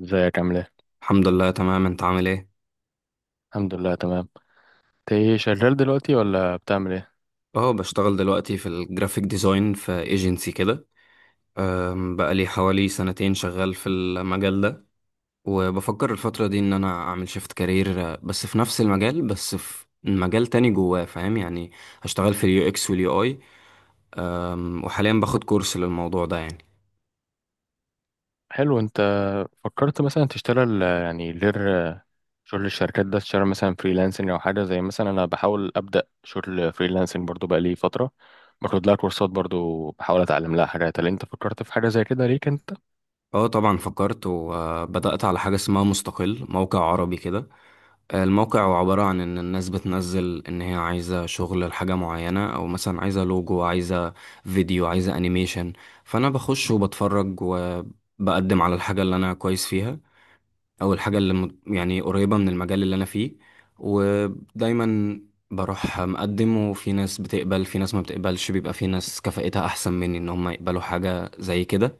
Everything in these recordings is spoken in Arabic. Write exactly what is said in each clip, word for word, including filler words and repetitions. ازيك عامل ايه؟ الحمد لله تمام. انت عامل ايه؟ الحمد لله تمام. انت ايه شغال دلوقتي ولا بتعمل ايه؟ اه، بشتغل دلوقتي في الجرافيك ديزاين في ايجنسي كده. أم، بقالي حوالي سنتين شغال في المجال ده، وبفكر الفترة دي ان انا اعمل شيفت كارير، بس في نفس المجال، بس في مجال تاني جواه، فاهم يعني. هشتغل في اليو اكس واليو اي، وحاليا باخد كورس للموضوع ده يعني. حلو. انت فكرت مثلا تشتغل آه، يعني غير آه، شغل الشركات ده، تشتغل مثلا فريلانسنج او حاجه؟ زي مثلا انا بحاول ابدا شغل فريلانسنج برضو، بقالي فتره باخد لها كورسات، برضو بحاول اتعلم لها حاجات. هل انت فكرت في حاجه زي كده ليك انت؟ اه طبعا فكرت، وبدأت على حاجة اسمها مستقل، موقع عربي كده. الموقع هو عبارة عن إن الناس بتنزل إن هي عايزة شغل لحاجة معينة، أو مثلا عايزة لوجو، عايزة فيديو، عايزة أنيميشن. فأنا بخش وبتفرج وبقدم على الحاجة اللي أنا كويس فيها، أو الحاجة اللي مت- يعني قريبة من المجال اللي أنا فيه. ودايما بروح مقدم، وفي ناس بتقبل، في ناس ما بتقبلش، بيبقى في ناس كفاءتها أحسن مني إن هم يقبلوا حاجة زي كده.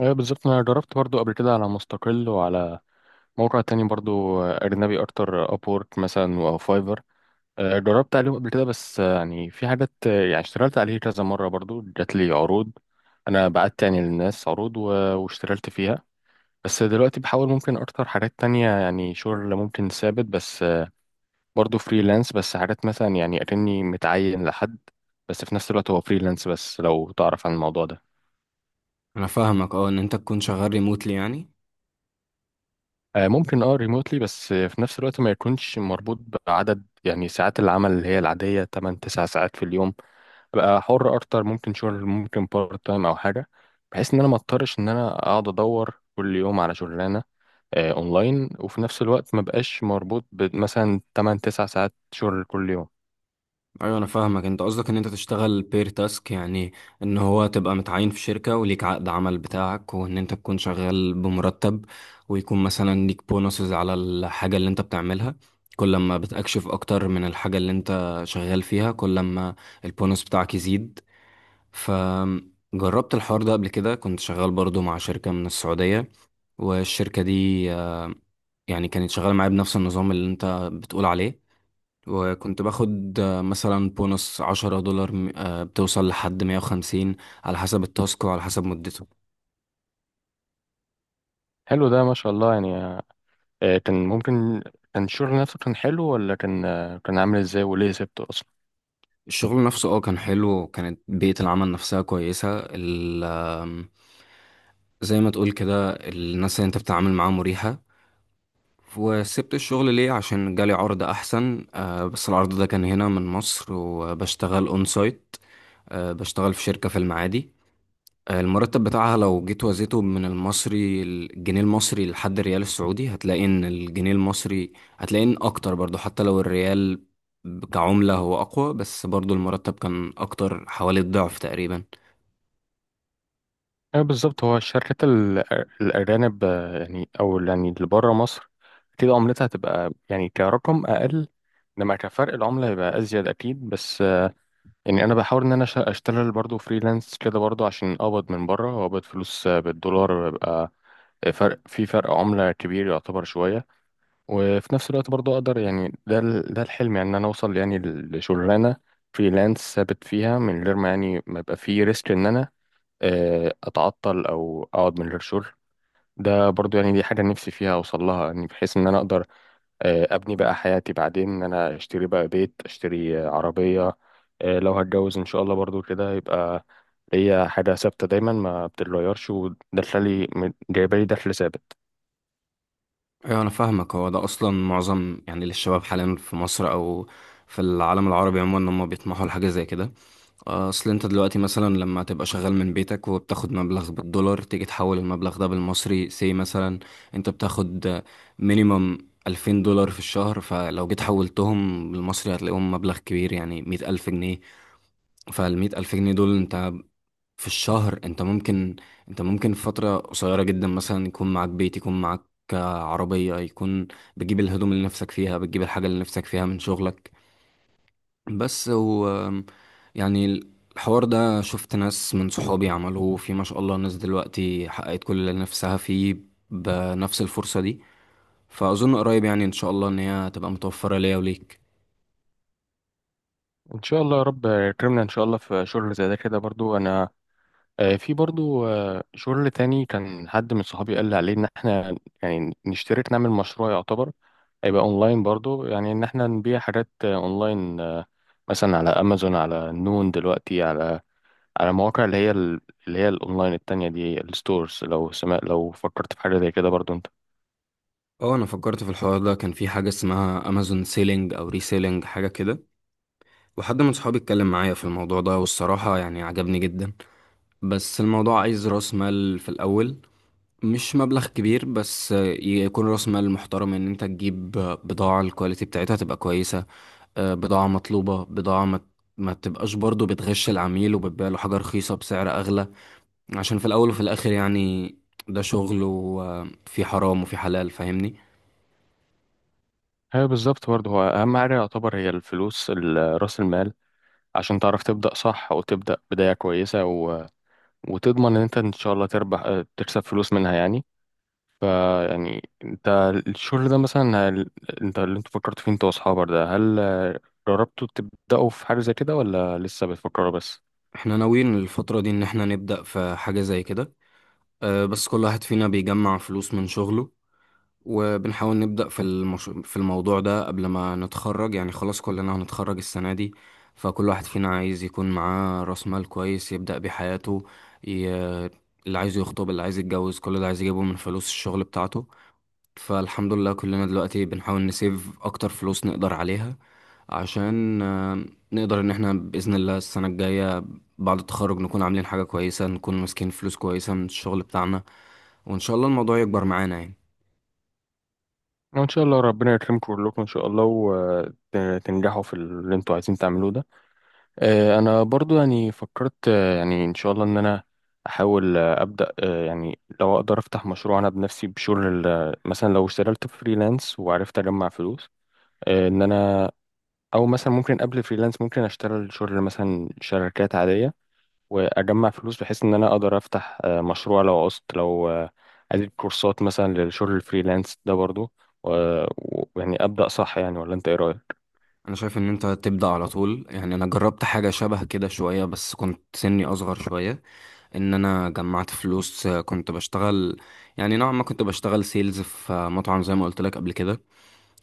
ايه بالظبط، انا جربت برضو قبل كده على مستقل وعلى موقع تاني برضو، آه، اجنبي اكتر، ابورك مثلا او فايفر. آه، جربت عليهم قبل كده، بس آه، يعني في حاجات آه، يعني اشتغلت عليه كذا مرة، برضو جات لي عروض. أنا بعت يعني للناس عروض و- واشتغلت فيها. بس دلوقتي بحاول ممكن أكتر حاجات تانية، يعني شغل ممكن ثابت، بس آه، برضو فريلانس، بس حاجات مثلا يعني أكني متعين لحد، بس في نفس الوقت هو فريلانس. بس لو تعرف عن الموضوع ده، أنا فاهمك، أه، إن أنت تكون شغال ريموتلي يعني. آه، ممكن اه ريموتلي، بس آه، في نفس الوقت ما يكونش مربوط بعدد يعني ساعات العمل اللي هي العادية، ثمانية 9 ساعات في اليوم. ابقى حر اكتر، ممكن شغل ممكن بارت تايم او حاجه، بحيث ان انا ما اضطرش ان انا اقعد ادور كل يوم على شغلانه آه، اونلاين، وفي نفس الوقت ما بقاش مربوط بمثلا ثمانية 9 ساعات شغل كل يوم. ايوه انا فاهمك، انت قصدك ان انت تشتغل بير تاسك يعني، ان هو تبقى متعين في شركة وليك عقد عمل بتاعك، وان انت تكون شغال بمرتب، ويكون مثلا ليك بونصز على الحاجة اللي انت بتعملها. كل ما بتكشف اكتر من الحاجة اللي انت شغال فيها، كل ما البونص بتاعك يزيد. فجربت الحوار ده قبل كده، كنت شغال برضو مع شركة من السعودية، والشركة دي آه، يعني كانت شغالة معايا بنفس النظام اللي انت بتقول عليه. وكنت باخد آه، مثلا بونص عشرة دولار م- آه، بتوصل لحد مية وخمسين، على حسب التاسك وعلى حسب مدته. حلو ده، ما شاء الله يعني. آه، كان ممكن، كان الشغل نفسه كان حلو ولا كان آه، كان عامل ازاي؟ وليه سبته اصلا؟ الشغل نفسه اه كان حلو، وكانت بيئة العمل نفسها كويسة. ال آم، زي ما تقول كده، الناس اللي انت بتتعامل معاها مريحة. وسبت الشغل ليه؟ عشان جالي عرض احسن، آه، بس العرض ده كان هنا من مصر، وبشتغل اون سايت. آه، بشتغل في شركة في المعادي. المرتب بتاعها لو جيت وزيته من المصري، الجنيه المصري لحد الريال السعودي، هتلاقي ان الجنيه المصري، هتلاقي ان اكتر برضو. حتى لو الريال كعملة هو اقوى، بس برضو المرتب كان اكتر، حوالي الضعف تقريبا. آه، بالظبط، هو الشركات ال- الاجانب، آه، يعني او يعني اللي بره مصر، اكيد عملتها هتبقى يعني كرقم اقل، لما كفرق العملة هيبقى أزيد أكيد. بس يعني انا بحاول ان انا أش- اشتغل برضو فريلانس كده برضو، عشان اقبض من بره واقبض فلوس بالدولار، بيبقى فرق في فرق عملة كبير يعتبر شوية. وفي نفس الوقت برضو اقدر يعني، ده ال- ده الحلم يعني، ان انا اوصل يعني لشغلانة فريلانس ثابت فيها، من غير ما يعني ما يبقى في ريسك ان انا آه، اتعطل او اقعد من غير شغل. ده برضو يعني دي حاجة نفسي فيها اوصل لها، يعني بحيث ان انا اقدر آه، ابني بقى حياتي بعدين، ان انا اشتري بقى بيت، اشتري آه، عربية، آه، لو هتجوز ان شاء الله برضو كده، يبقى هي حاجة ثابتة دايما ما بتتغيرش، ودخلي جايبالي دخل ثابت. ايوه انا فاهمك، هو ده اصلا معظم يعني للشباب حاليا في مصر او في العالم العربي عموما، ان هم بيطمحوا لحاجه زي كده. اصل انت دلوقتي مثلا لما تبقى شغال من بيتك، وبتاخد مبلغ بالدولار، تيجي تحول المبلغ ده بالمصري سي مثلا. انت بتاخد مينيمم ألفين دولار في الشهر، فلو جيت حولتهم بالمصري هتلاقيهم مبلغ كبير، يعني مية ألف جنيه. فالمية ألف جنيه دول، انت في الشهر انت ممكن، انت ممكن في فترة قصيرة جدا مثلا يكون معاك بيت، يكون معاك عربية، يكون بتجيب الهدوم اللي نفسك فيها، بتجيب الحاجة اللي نفسك فيها من شغلك بس. و يعني الحوار ده شفت ناس من صحابي عملوه، في ما شاء الله ناس دلوقتي حققت كل اللي نفسها فيه بنفس الفرصة دي. فأظن قريب يعني إن شاء الله إن هي تبقى متوفرة ليا وليك. ان شاء الله يا رب يكرمنا ان شاء الله في شغل زي ده كده برضو. انا آه، في برضو آه، شغل تاني، كان حد من صحابي قال لي عليه ان احنا يعني نشترك نعمل مشروع يعتبر هيبقى اونلاين برضو، يعني ان احنا نبيع حاجات آه، اونلاين، آه، مثلا على امازون، على نون دلوقتي، على على مواقع اللي هي ال- اللي هي الاونلاين التانية دي، الستورز. لو سمع لو فكرت في حاجة زي كده برضو انت؟ اه، أنا فكرت في الحوار ده، كان في حاجة اسمها أمازون سيلينج أو ريسيلينج، حاجة كده. وحد من صحابي اتكلم معايا في الموضوع ده، والصراحة يعني عجبني جدا. بس الموضوع عايز راس مال في الأول، مش مبلغ كبير، بس يكون راس مال محترم، ان انت تجيب بضاعة الكواليتي بتاعتها تبقى كويسة. آه، بضاعة مطلوبة، بضاعة ما ما تبقاش برضو بتغش العميل وبتبيع له حاجة رخيصة بسعر أغلى، عشان في الأول وفي الآخر يعني ده شغل، وفي حرام وفي حلال، فاهمني. هي بالظبط برضو، هو اهم حاجة يعتبر هي الفلوس، ال- راس المال، عشان تعرف تبدأ صح وتبدأ بداية كويسة، و... وتضمن ان انت ان شاء الله تربح، اه، تكسب فلوس منها يعني. فيعني انت الشغل ده مثلا، هل... انت اللي انت فكرت فيه انت واصحابك ده، هل اه، جربتوا تبدأوا في حاجة زي كده ولا لسه بتفكروا بس؟ احنا ناويين الفترة دي ان احنا نبدأ في حاجة زي كده. آه، بس كل واحد فينا بيجمع فلوس من شغله، وبنحاول نبدأ في المش... في الموضوع ده قبل ما نتخرج يعني. خلاص كلنا هنتخرج السنة دي، فكل واحد فينا عايز يكون معاه رأس مال كويس يبدأ بيه حياته. ي... اللي عايز يخطب، اللي عايز يتجوز، كل ده عايز يجيبه من فلوس الشغل بتاعته. فالحمد لله كلنا دلوقتي بنحاول نسيف أكتر فلوس نقدر عليها، عشان آه، نقدر إن احنا بإذن الله السنة الجاية بعد التخرج نكون عاملين حاجة كويسة، نكون ماسكين فلوس كويسة من الشغل بتاعنا، وإن شاء الله الموضوع يكبر معانا يعني. وإن شاء الله ربنا يكرمكم كلكم إن شاء الله، وتنجحوا في اللي أنتوا عايزين تعملوه ده. آه، أنا برضو يعني فكرت، آه، يعني إن شاء الله إن أنا أحاول آه، أبدأ، آه، يعني لو أقدر أفتح مشروع أنا بنفسي بشغل ال- مثلا لو اشتغلت فريلانس وعرفت أجمع فلوس، آه، إن أنا أو مثلا ممكن قبل فريلانس ممكن أشتغل شغل مثلا شركات عادية، واجمع فلوس بحيث ان انا اقدر افتح آه، مشروع لو عوزت، لو آه، اديت كورسات مثلا للشغل الفريلانس ده برضو. ويعني ابدا صح يعني، ولا انت ايه رايك؟ انا شايف ان انت تبدا على طول يعني. انا جربت حاجه شبه كده شويه، بس كنت سني اصغر شويه. ان انا جمعت فلوس، آه، كنت بشتغل، يعني نوعا ما كنت بشتغل سيلز في آه، مطعم، زي ما قلت لك قبل كده.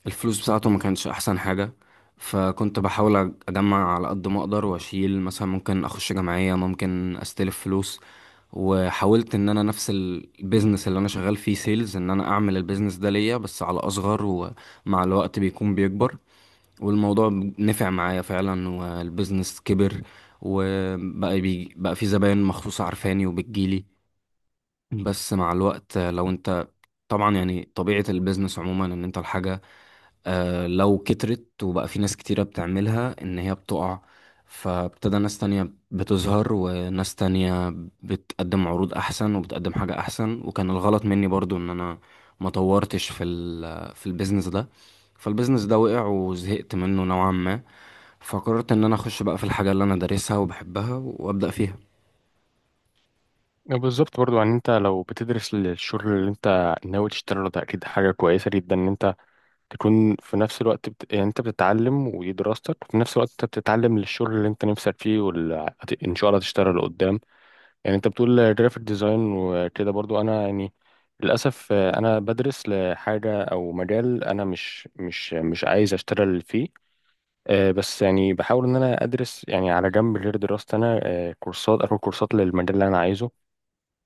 الفلوس بتاعته ما مم. كانتش احسن حاجه، فكنت بحاول أج- اجمع على قد ما اقدر، واشيل مثلا، ممكن اخش جمعيه، ممكن استلف فلوس. وحاولت ان انا نفس البيزنس اللي انا شغال فيه سيلز، ان انا اعمل البيزنس ده ليا، بس على اصغر، ومع الوقت بيكون بيكبر. والموضوع نفع معايا فعلا، والبيزنس كبر، وبقى بي بقى في زباين مخصوصة عارفاني وبتجيلي. بس مع الوقت آه، لو انت، طبعا يعني طبيعة البيزنس عموما ان انت الحاجة آه، لو كترت وبقى في ناس كتيرة بتعملها ان هي بتقع. فابتدى ناس تانية بتظهر، وناس تانية بتقدم عروض احسن، وبتقدم حاجة احسن. وكان الغلط مني برضو ان انا ما طورتش في ال في البيزنس ده. فالبيزنس ده وقع، وزهقت منه نوعا ما. فقررت ان انا اخش بقى في الحاجه اللي انا دارسها وبحبها وابدا فيها. بالظبط، برضو يعني انت لو بتدرس للشغل اللي انت ناوي تشتغله ده، اكيد حاجه كويسه جدا ان انت تكون في نفس الوقت بت... يعني انت بتتعلم ودي دراستك، وفي نفس الوقت انت بتتعلم للشغل اللي انت نفسك فيه وال... هت- ان شاء الله تشتغل. يعني انت بتقول جرافيك ديزاين وكده، برضو انا يعني للاسف آه، انا بدرس لحاجه او مجال انا مش مش مش عايز اشتغل فيه. آه، بس يعني بحاول ان انا ادرس يعني على جنب غير دراستي انا، آه، كورسات، اخد كورسات للمجال اللي انا عايزه.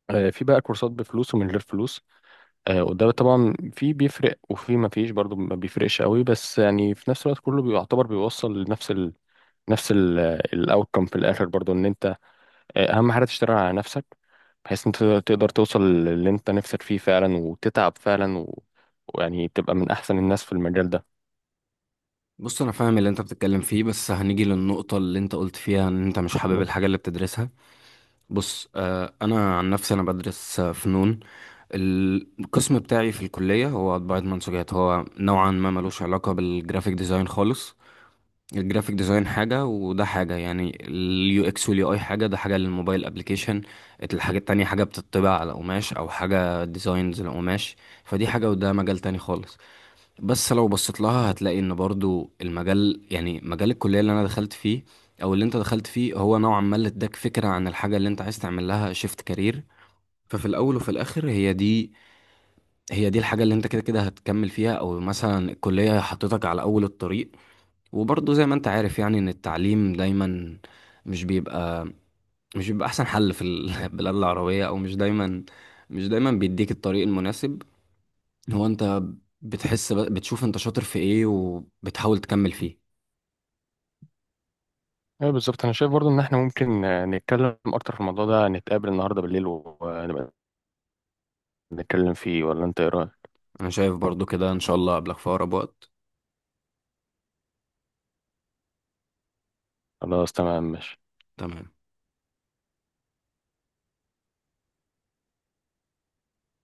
آه، في بقى كورسات بفلوس ومن غير فلوس. آه، وده طبعا في بيفرق وفي ما فيش، برضو ما بيفرقش قوي، بس يعني في نفس الوقت كله بيعتبر بيوصل لنفس ال نفس الاوتكم في الاخر، برضو ان انت اهم حاجه تشتغل على نفسك، بحيث انت تقدر توصل للي انت نفسك فيه فعلا وتتعب فعلا و... ويعني تبقى من احسن الناس في المجال ده. بص، انا فاهم اللي انت بتتكلم فيه، بس هنيجي للنقطه اللي انت قلت فيها ان انت مش حابب الحاجه اللي بتدرسها. بص، آه، انا عن نفسي انا بدرس آه، فنون. القسم بتاعي في الكليه هو طباعه منسوجات، هو نوعا ما ملوش علاقه بالجرافيك ديزاين خالص. الجرافيك ديزاين حاجه، وده حاجه يعني. اليو اكس واليو اي حاجه، ده حاجه للموبايل ابلكيشن. الحاجه التانية حاجه بتطبع على قماش، او حاجه ديزاينز لقماش. فدي حاجه، وده مجال تاني خالص. بس لو بصيت لها هتلاقي ان برضو المجال، يعني مجال الكلية اللي انا دخلت فيه او اللي انت دخلت فيه، هو نوعا ما اللي اداك فكرة عن الحاجة اللي انت عايز تعمل لها شيفت كارير. ففي الاول وفي الاخر هي دي هي دي الحاجة اللي انت كده كده هتكمل فيها، او مثلا الكلية حطيتك على اول الطريق. وبرضو زي ما انت عارف يعني، ان التعليم دايما مش بيبقى مش بيبقى احسن حل في البلاد العربية، او مش دايما، مش دايما بيديك الطريق المناسب. هو انت بتحس ب- بتشوف انت شاطر في ايه وبتحاول تكمل فيه. ايوه بالظبط، انا شايف برضو ان احنا ممكن آه، نتكلم اكتر في الموضوع ده، نتقابل النهارده بالليل ونبقى نتكلم فيه، ولا انت ايه رايك؟ انا شايف برضو كده، ان شاء الله قبلك في اقرب وقت. خلاص تمام ماشي. تمام.